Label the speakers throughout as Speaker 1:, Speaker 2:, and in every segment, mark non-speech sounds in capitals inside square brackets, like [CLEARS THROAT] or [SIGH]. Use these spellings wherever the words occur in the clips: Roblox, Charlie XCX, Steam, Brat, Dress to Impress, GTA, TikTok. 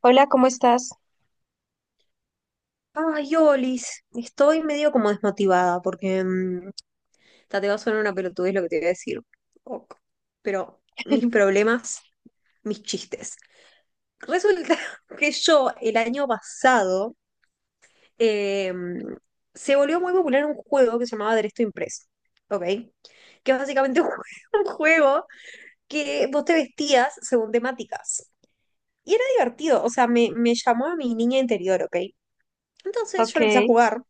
Speaker 1: Hola, ¿cómo estás?
Speaker 2: Ay, Olis, estoy medio como desmotivada porque ta, te va a sonar una pelotudez lo que te voy a decir. Ok. Pero mis
Speaker 1: [LAUGHS]
Speaker 2: problemas, mis chistes. Resulta [LAUGHS] que yo el año pasado eh, se volvió muy popular un juego que se llamaba Derecho Impreso, ¿ok? Que es básicamente [LAUGHS] un juego que vos te vestías según temáticas. Y era divertido, o sea, me llamó a mi niña interior, ¿ok? Entonces yo lo empecé a
Speaker 1: Ok,
Speaker 2: jugar.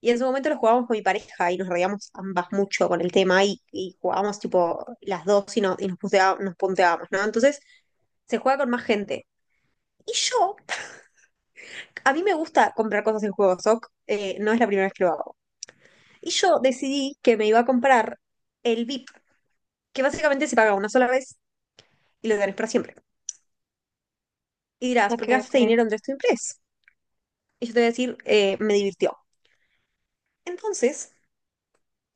Speaker 2: Y en su momento lo jugábamos con mi pareja y nos reíamos ambas mucho con el tema y jugábamos tipo las dos y, no- y nos punteábamos, ¿no? Entonces se juega con más gente. Y yo, a mí me gusta comprar cosas en juegos, ok, no es la primera vez que lo hago. Y yo decidí que me iba a comprar el VIP, que básicamente se paga una sola vez y lo tenés para siempre. Y dirás,
Speaker 1: ok,
Speaker 2: ¿por qué gastaste
Speaker 1: ok.
Speaker 2: dinero en Dress to Impress? Y yo te voy a decir, me divirtió. Entonces,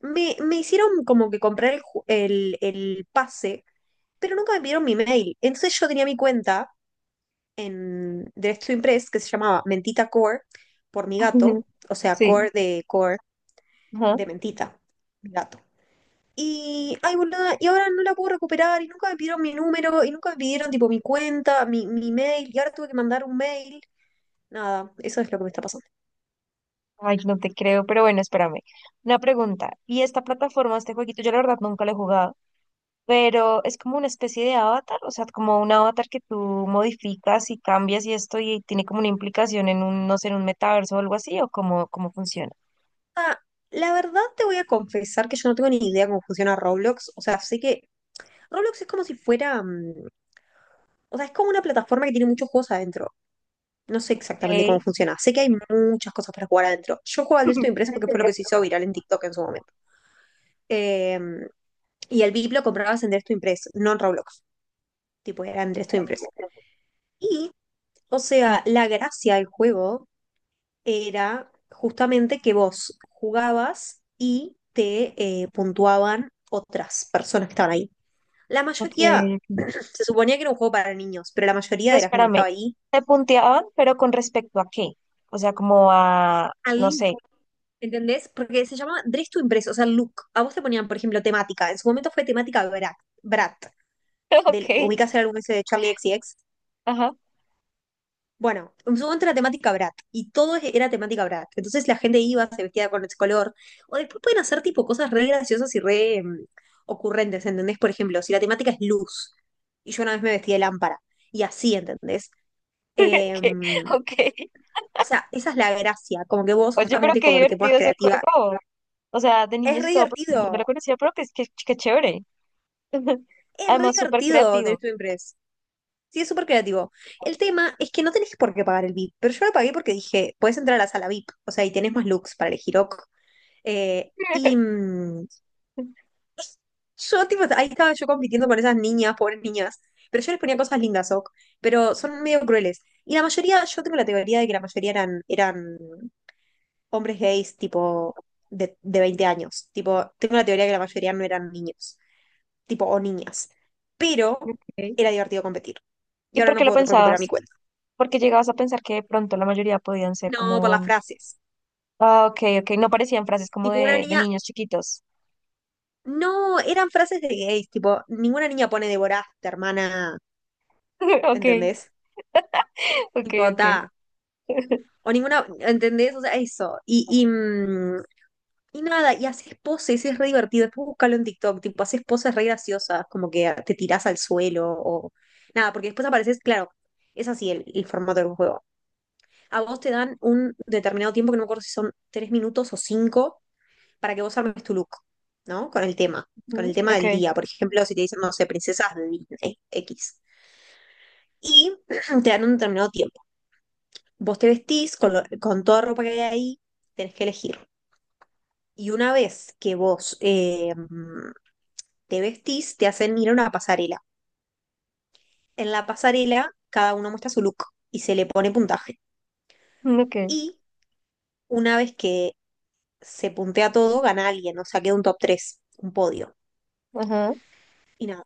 Speaker 2: me hicieron como que comprar el pase pero nunca me pidieron mi mail. Entonces yo tenía mi cuenta de Estudio Impress que se llamaba Mentita Core por mi
Speaker 1: [LAUGHS]
Speaker 2: gato, o sea,
Speaker 1: Sí,
Speaker 2: Core
Speaker 1: ajá.
Speaker 2: de Mentita, mi gato. Y, ay, boluda, y ahora no la puedo recuperar y nunca me pidieron mi número y nunca me pidieron tipo mi cuenta, mi mail y ahora tuve que mandar un mail. Nada, eso es lo que me está pasando.
Speaker 1: Ay, no te creo, pero bueno, espérame. Una pregunta. ¿Y esta plataforma, este jueguito, yo la verdad nunca lo he jugado, pero es como una especie de avatar, o sea, como un avatar que tú modificas y cambias y esto y tiene como una implicación en un, no sé, en un metaverso o algo así, o cómo, cómo funciona?
Speaker 2: Ah, la verdad te voy a confesar que yo no tengo ni idea cómo funciona Roblox. O sea, sé que Roblox es como si fuera, o sea, es como una plataforma que tiene muchos juegos adentro. No sé exactamente cómo
Speaker 1: Ok.
Speaker 2: funciona. Sé que hay muchas cosas para jugar adentro. Yo juego al Destiny Impress porque fue lo que se hizo
Speaker 1: [LAUGHS]
Speaker 2: viral en TikTok en su momento. Eh, y el VIP lo comprabas en Destiny Impress, no en Roblox. Tipo, era en Destiny Impress. Y, o sea, la gracia del juego era justamente que vos jugabas y te puntuaban otras personas que estaban ahí. La
Speaker 1: Ok,
Speaker 2: mayoría,
Speaker 1: ok.
Speaker 2: se suponía que era un juego para niños, pero la mayoría
Speaker 1: Pero
Speaker 2: de la gente que
Speaker 1: espérame,
Speaker 2: estaba ahí,
Speaker 1: te punteaban, ¿pero con respecto a qué? O sea, como a,
Speaker 2: al
Speaker 1: no
Speaker 2: look,
Speaker 1: sé.
Speaker 2: ¿entendés? Porque se llama Dress to Impress, o sea, look. A vos te ponían, por ejemplo, temática. En su momento fue temática Brat, Brat
Speaker 1: [LAUGHS] Ok,
Speaker 2: ¿ubicás el álbum ese de Charlie XCX.
Speaker 1: ajá.
Speaker 2: Bueno, en su momento era temática Brat y todo era temática Brat. Entonces la gente iba, se vestía con ese color. O después pueden hacer tipo cosas re graciosas y re ocurrentes, ¿entendés? Por ejemplo, si la temática es luz y yo una vez me vestí de lámpara y así, ¿entendés?
Speaker 1: [LAUGHS] Ok,
Speaker 2: Em,
Speaker 1: ok.
Speaker 2: o sea, esa es la gracia, como que vos
Speaker 1: Oye, pero
Speaker 2: justamente
Speaker 1: qué
Speaker 2: como que te pongas
Speaker 1: divertido ese
Speaker 2: creativa.
Speaker 1: juego. O sea, de
Speaker 2: Es
Speaker 1: niños y
Speaker 2: re
Speaker 1: todo, pero no me lo
Speaker 2: divertido,
Speaker 1: conocía, pero que es que chévere. [LAUGHS]
Speaker 2: es re
Speaker 1: Además, súper
Speaker 2: divertido Drive
Speaker 1: creativo.
Speaker 2: to Impress. Sí, es súper creativo. El tema es que no tenés por qué pagar el VIP, pero yo lo pagué porque dije, podés entrar a la sala VIP, o sea, y tenés más looks para elegir, ok. Eh, y
Speaker 1: [LAUGHS]
Speaker 2: mm, yo, tipo, ahí estaba yo compitiendo con esas niñas, pobres niñas, pero yo les ponía cosas lindas, ok, pero son medio crueles. Y la mayoría, yo tengo la teoría de que la mayoría eran hombres gays, tipo, de 20 años. Tipo, tengo la teoría de que la mayoría no eran niños, tipo, o niñas. Pero
Speaker 1: Ok.
Speaker 2: era divertido competir. Y
Speaker 1: ¿Y
Speaker 2: ahora
Speaker 1: por qué
Speaker 2: no
Speaker 1: lo
Speaker 2: puedo recuperar mi
Speaker 1: pensabas?
Speaker 2: cuenta.
Speaker 1: Porque llegabas a pensar que de pronto la mayoría podían ser
Speaker 2: No, por las
Speaker 1: como...
Speaker 2: frases.
Speaker 1: Ah, ok, ok, no parecían frases como
Speaker 2: Tipo, una
Speaker 1: de
Speaker 2: niña,
Speaker 1: niños chiquitos.
Speaker 2: no, eran frases de gays, tipo, ninguna niña pone devoraste, hermana,
Speaker 1: [LAUGHS] Ok,
Speaker 2: ¿entendés?
Speaker 1: ok,
Speaker 2: Tipo,
Speaker 1: ok.
Speaker 2: ta, o ninguna, ¿entendés? O sea, eso. Y nada, y haces poses, es re divertido. Después búscalo en TikTok, tipo, haces poses re graciosas, como que te tirás al suelo o nada, porque después apareces, claro, es así el formato del juego. A vos te dan un determinado tiempo, que no me acuerdo si son 3 minutos o cinco, para que vos armes tu look, ¿no? Con el
Speaker 1: Ujú,
Speaker 2: tema del
Speaker 1: ok,
Speaker 2: día. Por ejemplo, si te dicen, no sé, princesas de Disney X. Y [CLEARS THROAT] te dan un determinado tiempo. Vos te vestís con toda ropa que hay ahí, tenés que elegir. Y una vez que vos te vestís, te hacen ir a una pasarela. En la pasarela, cada uno muestra su look y se le pone puntaje.
Speaker 1: mm, ok,
Speaker 2: Y una vez que se puntea todo, gana alguien, o sea, queda un top 3 un podio.
Speaker 1: ajá.
Speaker 2: Y nada,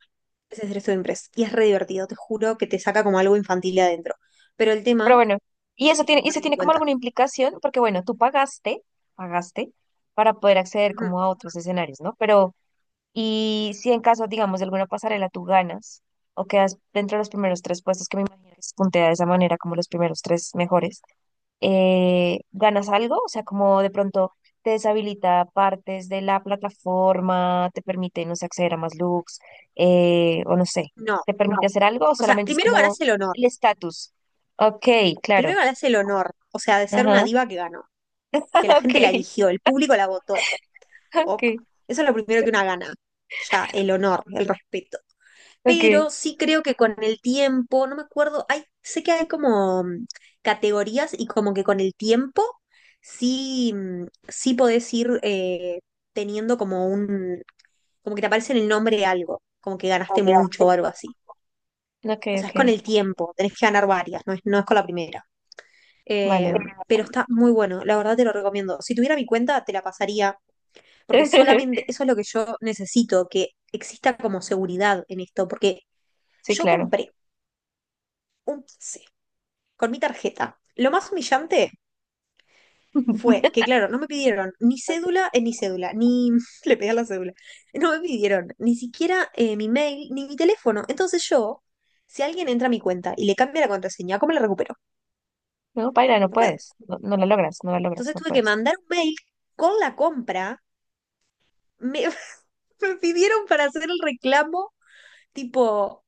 Speaker 2: ese es Dress to Impress. Y es re divertido, te juro que te saca como algo infantil de adentro. Pero el
Speaker 1: Pero
Speaker 2: tema
Speaker 1: bueno,
Speaker 2: es que
Speaker 1: y eso
Speaker 2: perdí mi
Speaker 1: tiene como
Speaker 2: cuenta.
Speaker 1: alguna implicación, porque bueno, tú pagaste, pagaste para poder acceder
Speaker 2: Ujú.
Speaker 1: como a otros escenarios, ¿no? Pero, y si en caso, digamos, de alguna pasarela tú ganas o quedas dentro de los primeros tres puestos, que me imagino que se puntea de esa manera, como los primeros tres mejores, ¿ganas algo? O sea, como de pronto te deshabilita partes de la plataforma, te permite, no sé, acceder a más looks, o no sé,
Speaker 2: No,
Speaker 1: ¿te permite No. hacer algo o
Speaker 2: o sea,
Speaker 1: solamente es
Speaker 2: primero
Speaker 1: como
Speaker 2: ganás el honor.
Speaker 1: el estatus? Ok,
Speaker 2: Primero
Speaker 1: claro.
Speaker 2: ganás el honor, o sea, de ser una
Speaker 1: Ajá,
Speaker 2: diva que ganó, que la
Speaker 1: [LAUGHS]
Speaker 2: gente la
Speaker 1: okay,
Speaker 2: eligió, el público la votó. Ok.
Speaker 1: okay,
Speaker 2: Eso es lo primero que una gana, ya, el honor, el respeto.
Speaker 1: okay,
Speaker 2: Pero sí creo que con el tiempo, no me acuerdo, sé que hay como categorías y como que con el tiempo sí, sí podés ir teniendo como un, como que te aparece en el nombre de algo, como que ganaste mucho o algo así. O
Speaker 1: okay,
Speaker 2: sea, es con
Speaker 1: okay,
Speaker 2: el tiempo, tenés que ganar varias, no es con la primera.
Speaker 1: vale,
Speaker 2: Eh,
Speaker 1: vale.
Speaker 2: pero está muy bueno, la verdad te lo recomiendo. Si tuviera mi cuenta, te la pasaría porque solamente
Speaker 1: [LAUGHS]
Speaker 2: eso es lo que yo necesito, que exista como seguridad en esto, porque
Speaker 1: Sí,
Speaker 2: yo
Speaker 1: claro.
Speaker 2: compré un pase con mi tarjeta. Lo más humillante fue
Speaker 1: [LAUGHS]
Speaker 2: que, claro, no me pidieron ni cédula, ni cédula, ni [LAUGHS] le pedí a la cédula, no me pidieron ni siquiera mi mail, ni mi teléfono. Entonces yo, si alguien entra a mi cuenta y le cambia la contraseña, ¿cómo la recupero?
Speaker 1: No, Paila, no
Speaker 2: No puedo.
Speaker 1: puedes, no, no la logras, no la logras,
Speaker 2: Entonces
Speaker 1: no
Speaker 2: tuve que
Speaker 1: puedes.
Speaker 2: mandar un mail con la compra, me, [LAUGHS] me pidieron para hacer el reclamo, tipo,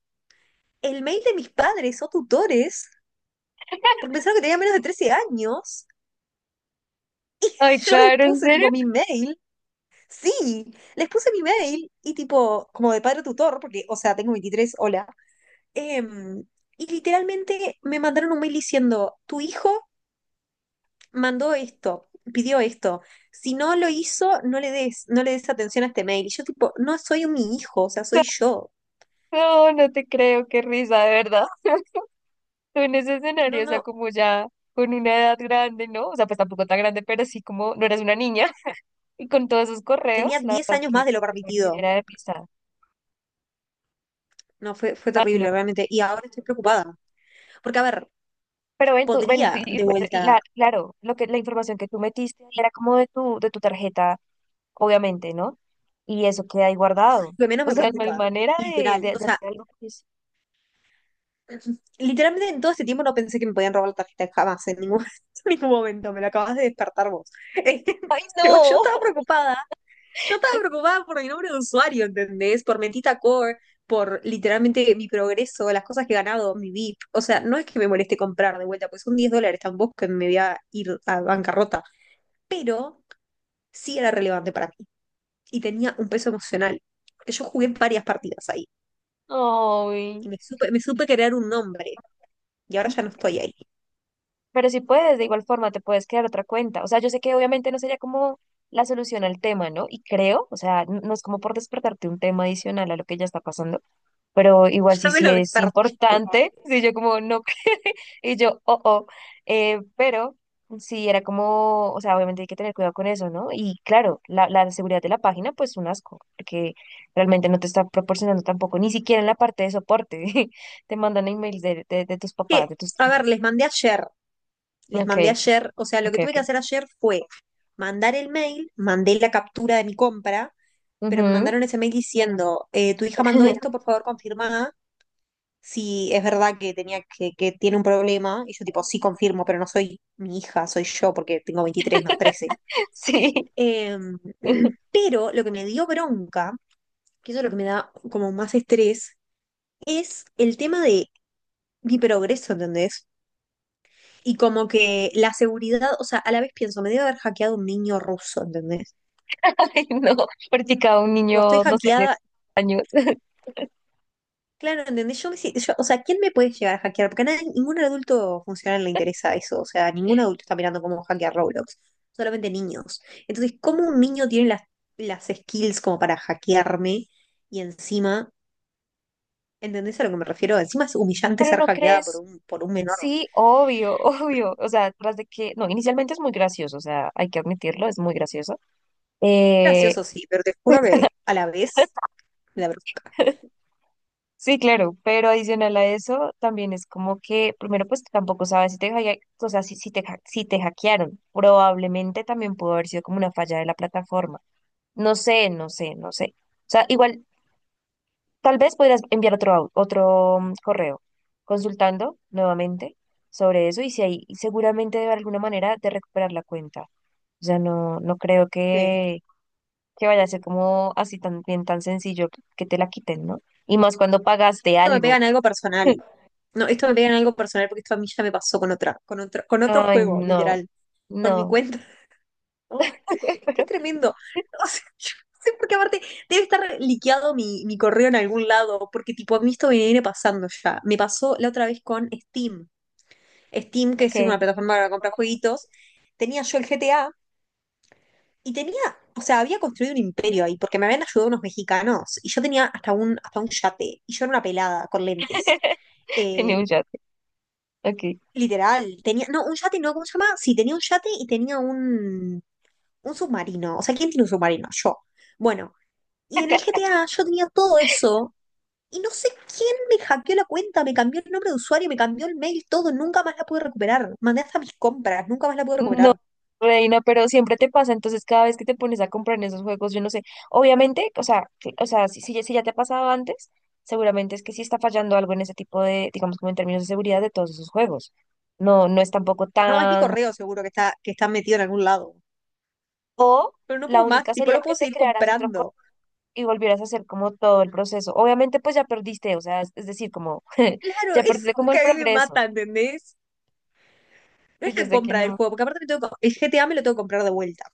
Speaker 2: el mail de mis padres o tutores, porque pensaron que tenía menos de 13 años.
Speaker 1: Ay,
Speaker 2: [LAUGHS] Yo les
Speaker 1: Caro, ¿en
Speaker 2: puse
Speaker 1: serio?
Speaker 2: tipo mi mail. Sí, les puse mi mail y tipo, como de padre tutor, porque, o sea, tengo 23. Hola. Em, y literalmente me mandaron un mail diciendo, tu hijo mandó esto, pidió esto. Si no lo hizo, no le des atención a este mail. Y yo tipo, no soy mi hijo, o sea, soy yo.
Speaker 1: No, no te creo, qué risa, de verdad. [LAUGHS] Tú en ese
Speaker 2: No,
Speaker 1: escenario, o sea,
Speaker 2: no,
Speaker 1: como ya con una edad grande, ¿no? O sea, pues tampoco tan grande, pero sí como no eres una niña [LAUGHS] y con todos esos correos,
Speaker 2: tenía
Speaker 1: la
Speaker 2: diez
Speaker 1: verdad
Speaker 2: años más de lo
Speaker 1: que
Speaker 2: permitido.
Speaker 1: era de risa.
Speaker 2: No, fue
Speaker 1: Ay, no.
Speaker 2: terrible, realmente. Y ahora estoy preocupada. Porque, a ver,
Speaker 1: Pero ven, tú, ven,
Speaker 2: podría
Speaker 1: y-
Speaker 2: de
Speaker 1: bueno,
Speaker 2: vuelta,
Speaker 1: la- claro, lo que la información que tú metiste era como de tu tarjeta obviamente, ¿no? Y eso queda ahí guardado.
Speaker 2: lo que menos
Speaker 1: O
Speaker 2: me
Speaker 1: sea, no hay
Speaker 2: preocupa,
Speaker 1: manera de,
Speaker 2: literal.
Speaker 1: de,
Speaker 2: O
Speaker 1: de
Speaker 2: sea,
Speaker 1: hacer algo que es-
Speaker 2: literalmente en todo este tiempo no pensé que me podían robar la tarjeta jamás, en ningún, [LAUGHS] en ningún momento, me lo acabas de despertar vos. [LAUGHS]
Speaker 1: ¡Ay,
Speaker 2: Pero
Speaker 1: no!
Speaker 2: yo estaba preocupada por mi nombre de usuario, ¿entendés? Por Mentita Core, por literalmente mi progreso, las cosas que he ganado, mi VIP. O sea, no es que me moleste comprar de vuelta, pues son $10 tampoco que me voy a ir a bancarrota, pero sí era relevante para mí y tenía un peso emocional, porque yo jugué varias partidas ahí,
Speaker 1: [LAUGHS] ¡Ay!
Speaker 2: que me supe crear un nombre y ahora ya no estoy ahí.
Speaker 1: Pero si puedes, de igual forma, te puedes crear otra cuenta. O sea, yo sé que obviamente no sería como la solución al tema, ¿no? Y creo, o sea, n- no es como por despertarte un tema adicional a lo que ya está pasando, pero igual sí,
Speaker 2: Ya me
Speaker 1: sí
Speaker 2: lo
Speaker 1: es
Speaker 2: despertaste.
Speaker 1: importante. [LAUGHS] Sí, yo como no. [LAUGHS] Y yo, oh, oh, pero sí era como, o sea, obviamente hay que tener cuidado con eso, ¿no? Y claro, la seguridad de la página, pues un asco, porque realmente no te está proporcionando tampoco, ni siquiera en la parte de soporte, [LAUGHS] te mandan emails de tus
Speaker 2: Que,
Speaker 1: papás, de tus...
Speaker 2: a ver,
Speaker 1: tíos.
Speaker 2: les
Speaker 1: Ok,
Speaker 2: mandé ayer, o sea, lo
Speaker 1: ok,
Speaker 2: que tuve
Speaker 1: ok.
Speaker 2: que hacer ayer fue mandar el mail, mandé la captura de mi compra, pero me
Speaker 1: Ujú.
Speaker 2: mandaron ese mail diciendo, tu hija mandó esto, por
Speaker 1: [LAUGHS]
Speaker 2: favor confirma si es verdad que que tiene un problema. Y yo tipo, sí confirmo, pero no soy mi hija, soy yo, porque tengo 23 no 13.
Speaker 1: Sí,
Speaker 2: Eh,
Speaker 1: [LAUGHS]
Speaker 2: [CLEARS THROAT] pero lo que me dio bronca, que eso es lo que me da como más estrés, es el tema de mi progreso, ¿entendés? Y como que la seguridad, o sea, a la vez pienso, me debe haber hackeado un niño ruso, ¿entendés?
Speaker 1: ay no, practicaba un
Speaker 2: Tipo, estoy
Speaker 1: niño, no sé, de
Speaker 2: hackeada,
Speaker 1: años. [LAUGHS]
Speaker 2: claro, ¿entendés? Yo me, si- yo- o sea, ¿quién me puede llegar a hackear? Porque a nadie- ningún adulto funcional le interesa eso, o sea, ningún adulto está mirando cómo hackear Roblox, solamente niños. Entonces, ¿cómo un niño tiene las skills como para hackearme y encima, ¿entendés a lo que me refiero? Encima es humillante
Speaker 1: Pero
Speaker 2: ser
Speaker 1: no
Speaker 2: hackeada por
Speaker 1: crees,
Speaker 2: por un menor.
Speaker 1: sí, obvio, [LAUGHS] obvio. O sea, tras de que, no, inicialmente es muy gracioso, o sea, hay que admitirlo, es muy gracioso.
Speaker 2: Es
Speaker 1: Eh,
Speaker 2: gracioso, sí, pero te juro que a la vez la brusca.
Speaker 1: [LAUGHS] sí, claro, pero adicional a eso, también es como que, primero, pues tampoco sabes si te, hacke- o sea, si, si te, ha- si te hackearon. Probablemente también pudo haber sido como una falla de la plataforma. No sé, no sé, no sé. O sea, igual tal vez podrías enviar otro, au- otro correo, consultando nuevamente sobre eso y si hay, y seguramente debe haber alguna manera de recuperar la cuenta. O sea, no, no creo
Speaker 2: Sí.
Speaker 1: que vaya a ser como así tan bien, tan sencillo que te la quiten, ¿no? Y más cuando pagaste
Speaker 2: Esto me pega
Speaker 1: algo.
Speaker 2: en algo personal.
Speaker 1: [LAUGHS]
Speaker 2: No, esto me pega en algo personal porque esto a mí ya me pasó con otra, con otro
Speaker 1: Ay,
Speaker 2: juego,
Speaker 1: no,
Speaker 2: literal, con mi
Speaker 1: no,
Speaker 2: cuenta. [LAUGHS] No, es que es
Speaker 1: pero
Speaker 2: tremendo. [LAUGHS] O sea, yo no sé por qué aparte debe estar liqueado mi correo en algún lado, porque tipo a mí esto me viene pasando ya. Me pasó la otra vez con Steam. Steam, que
Speaker 1: ok,
Speaker 2: es una plataforma para comprar jueguitos, tenía yo el GTA y tenía, o sea, había construido un imperio ahí, porque me habían ayudado unos mexicanos y yo tenía hasta un yate y yo era una pelada con lentes.
Speaker 1: [LAUGHS] tenía
Speaker 2: Eh,
Speaker 1: un chat, ok.
Speaker 2: Literal, tenía, no, un yate, no, ¿cómo se llama? Sí, tenía un yate y tenía un submarino. O sea, ¿quién tiene un submarino? Yo. Bueno, y en el
Speaker 1: [LAUGHS]
Speaker 2: GTA yo tenía todo eso y no sé quién me hackeó la cuenta, me cambió el nombre de usuario, me cambió el mail, todo, nunca más la pude recuperar. Mandé hasta mis compras, nunca más la pude
Speaker 1: No,
Speaker 2: recuperar.
Speaker 1: reina, pero siempre te pasa, entonces cada vez que te pones a comprar en esos juegos, yo no sé, obviamente, o sea, que- o sea, si, si ya si ya te ha pasado antes, seguramente es que sí está fallando algo en ese tipo de, digamos, como en términos de seguridad de todos esos juegos. No, no es tampoco
Speaker 2: No, es mi
Speaker 1: tan...
Speaker 2: correo seguro que está, metido en algún lado.
Speaker 1: O
Speaker 2: Pero no
Speaker 1: la
Speaker 2: puedo más,
Speaker 1: única
Speaker 2: tipo,
Speaker 1: sería
Speaker 2: no
Speaker 1: que
Speaker 2: puedo
Speaker 1: te
Speaker 2: seguir
Speaker 1: crearas otro co-
Speaker 2: comprando.
Speaker 1: y volvieras a hacer como todo el proceso. Obviamente, pues ya perdiste, o sea, es decir, como... [LAUGHS]
Speaker 2: Claro,
Speaker 1: ya
Speaker 2: eso es
Speaker 1: perdiste
Speaker 2: lo
Speaker 1: como
Speaker 2: que
Speaker 1: el
Speaker 2: a mí me
Speaker 1: progreso.
Speaker 2: mata, ¿entendés? No
Speaker 1: Sí,
Speaker 2: es
Speaker 1: yo
Speaker 2: la
Speaker 1: sé
Speaker 2: compra del juego, porque aparte el GTA me lo tengo que comprar de vuelta.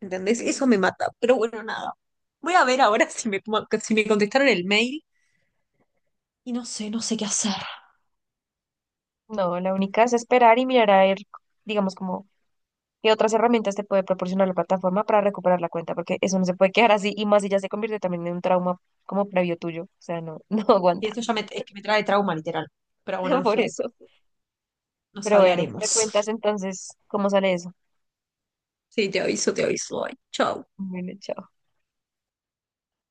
Speaker 2: ¿Entendés?
Speaker 1: que-
Speaker 2: Eso me mata. Pero bueno, nada. Voy a ver ahora si me contestaron el mail y no sé, no sé qué hacer.
Speaker 1: no, la única es esperar y mirar a ver, digamos, como... ¿Qué otras herramientas te puede proporcionar la plataforma para recuperar la cuenta? Porque eso no se puede quedar así y más si ya se convierte también en un trauma como previo tuyo. O sea, no, [LAUGHS] no
Speaker 2: Y
Speaker 1: aguanta
Speaker 2: esto ya me, es que me trae trauma, literal. Pero bueno,
Speaker 1: [LAUGHS]
Speaker 2: en
Speaker 1: por
Speaker 2: fin,
Speaker 1: eso.
Speaker 2: nos
Speaker 1: Pero bueno, me
Speaker 2: hablaremos.
Speaker 1: cuentas entonces cómo sale eso.
Speaker 2: Sí, te aviso, te aviso. Ay, chau.
Speaker 1: Bueno, chao.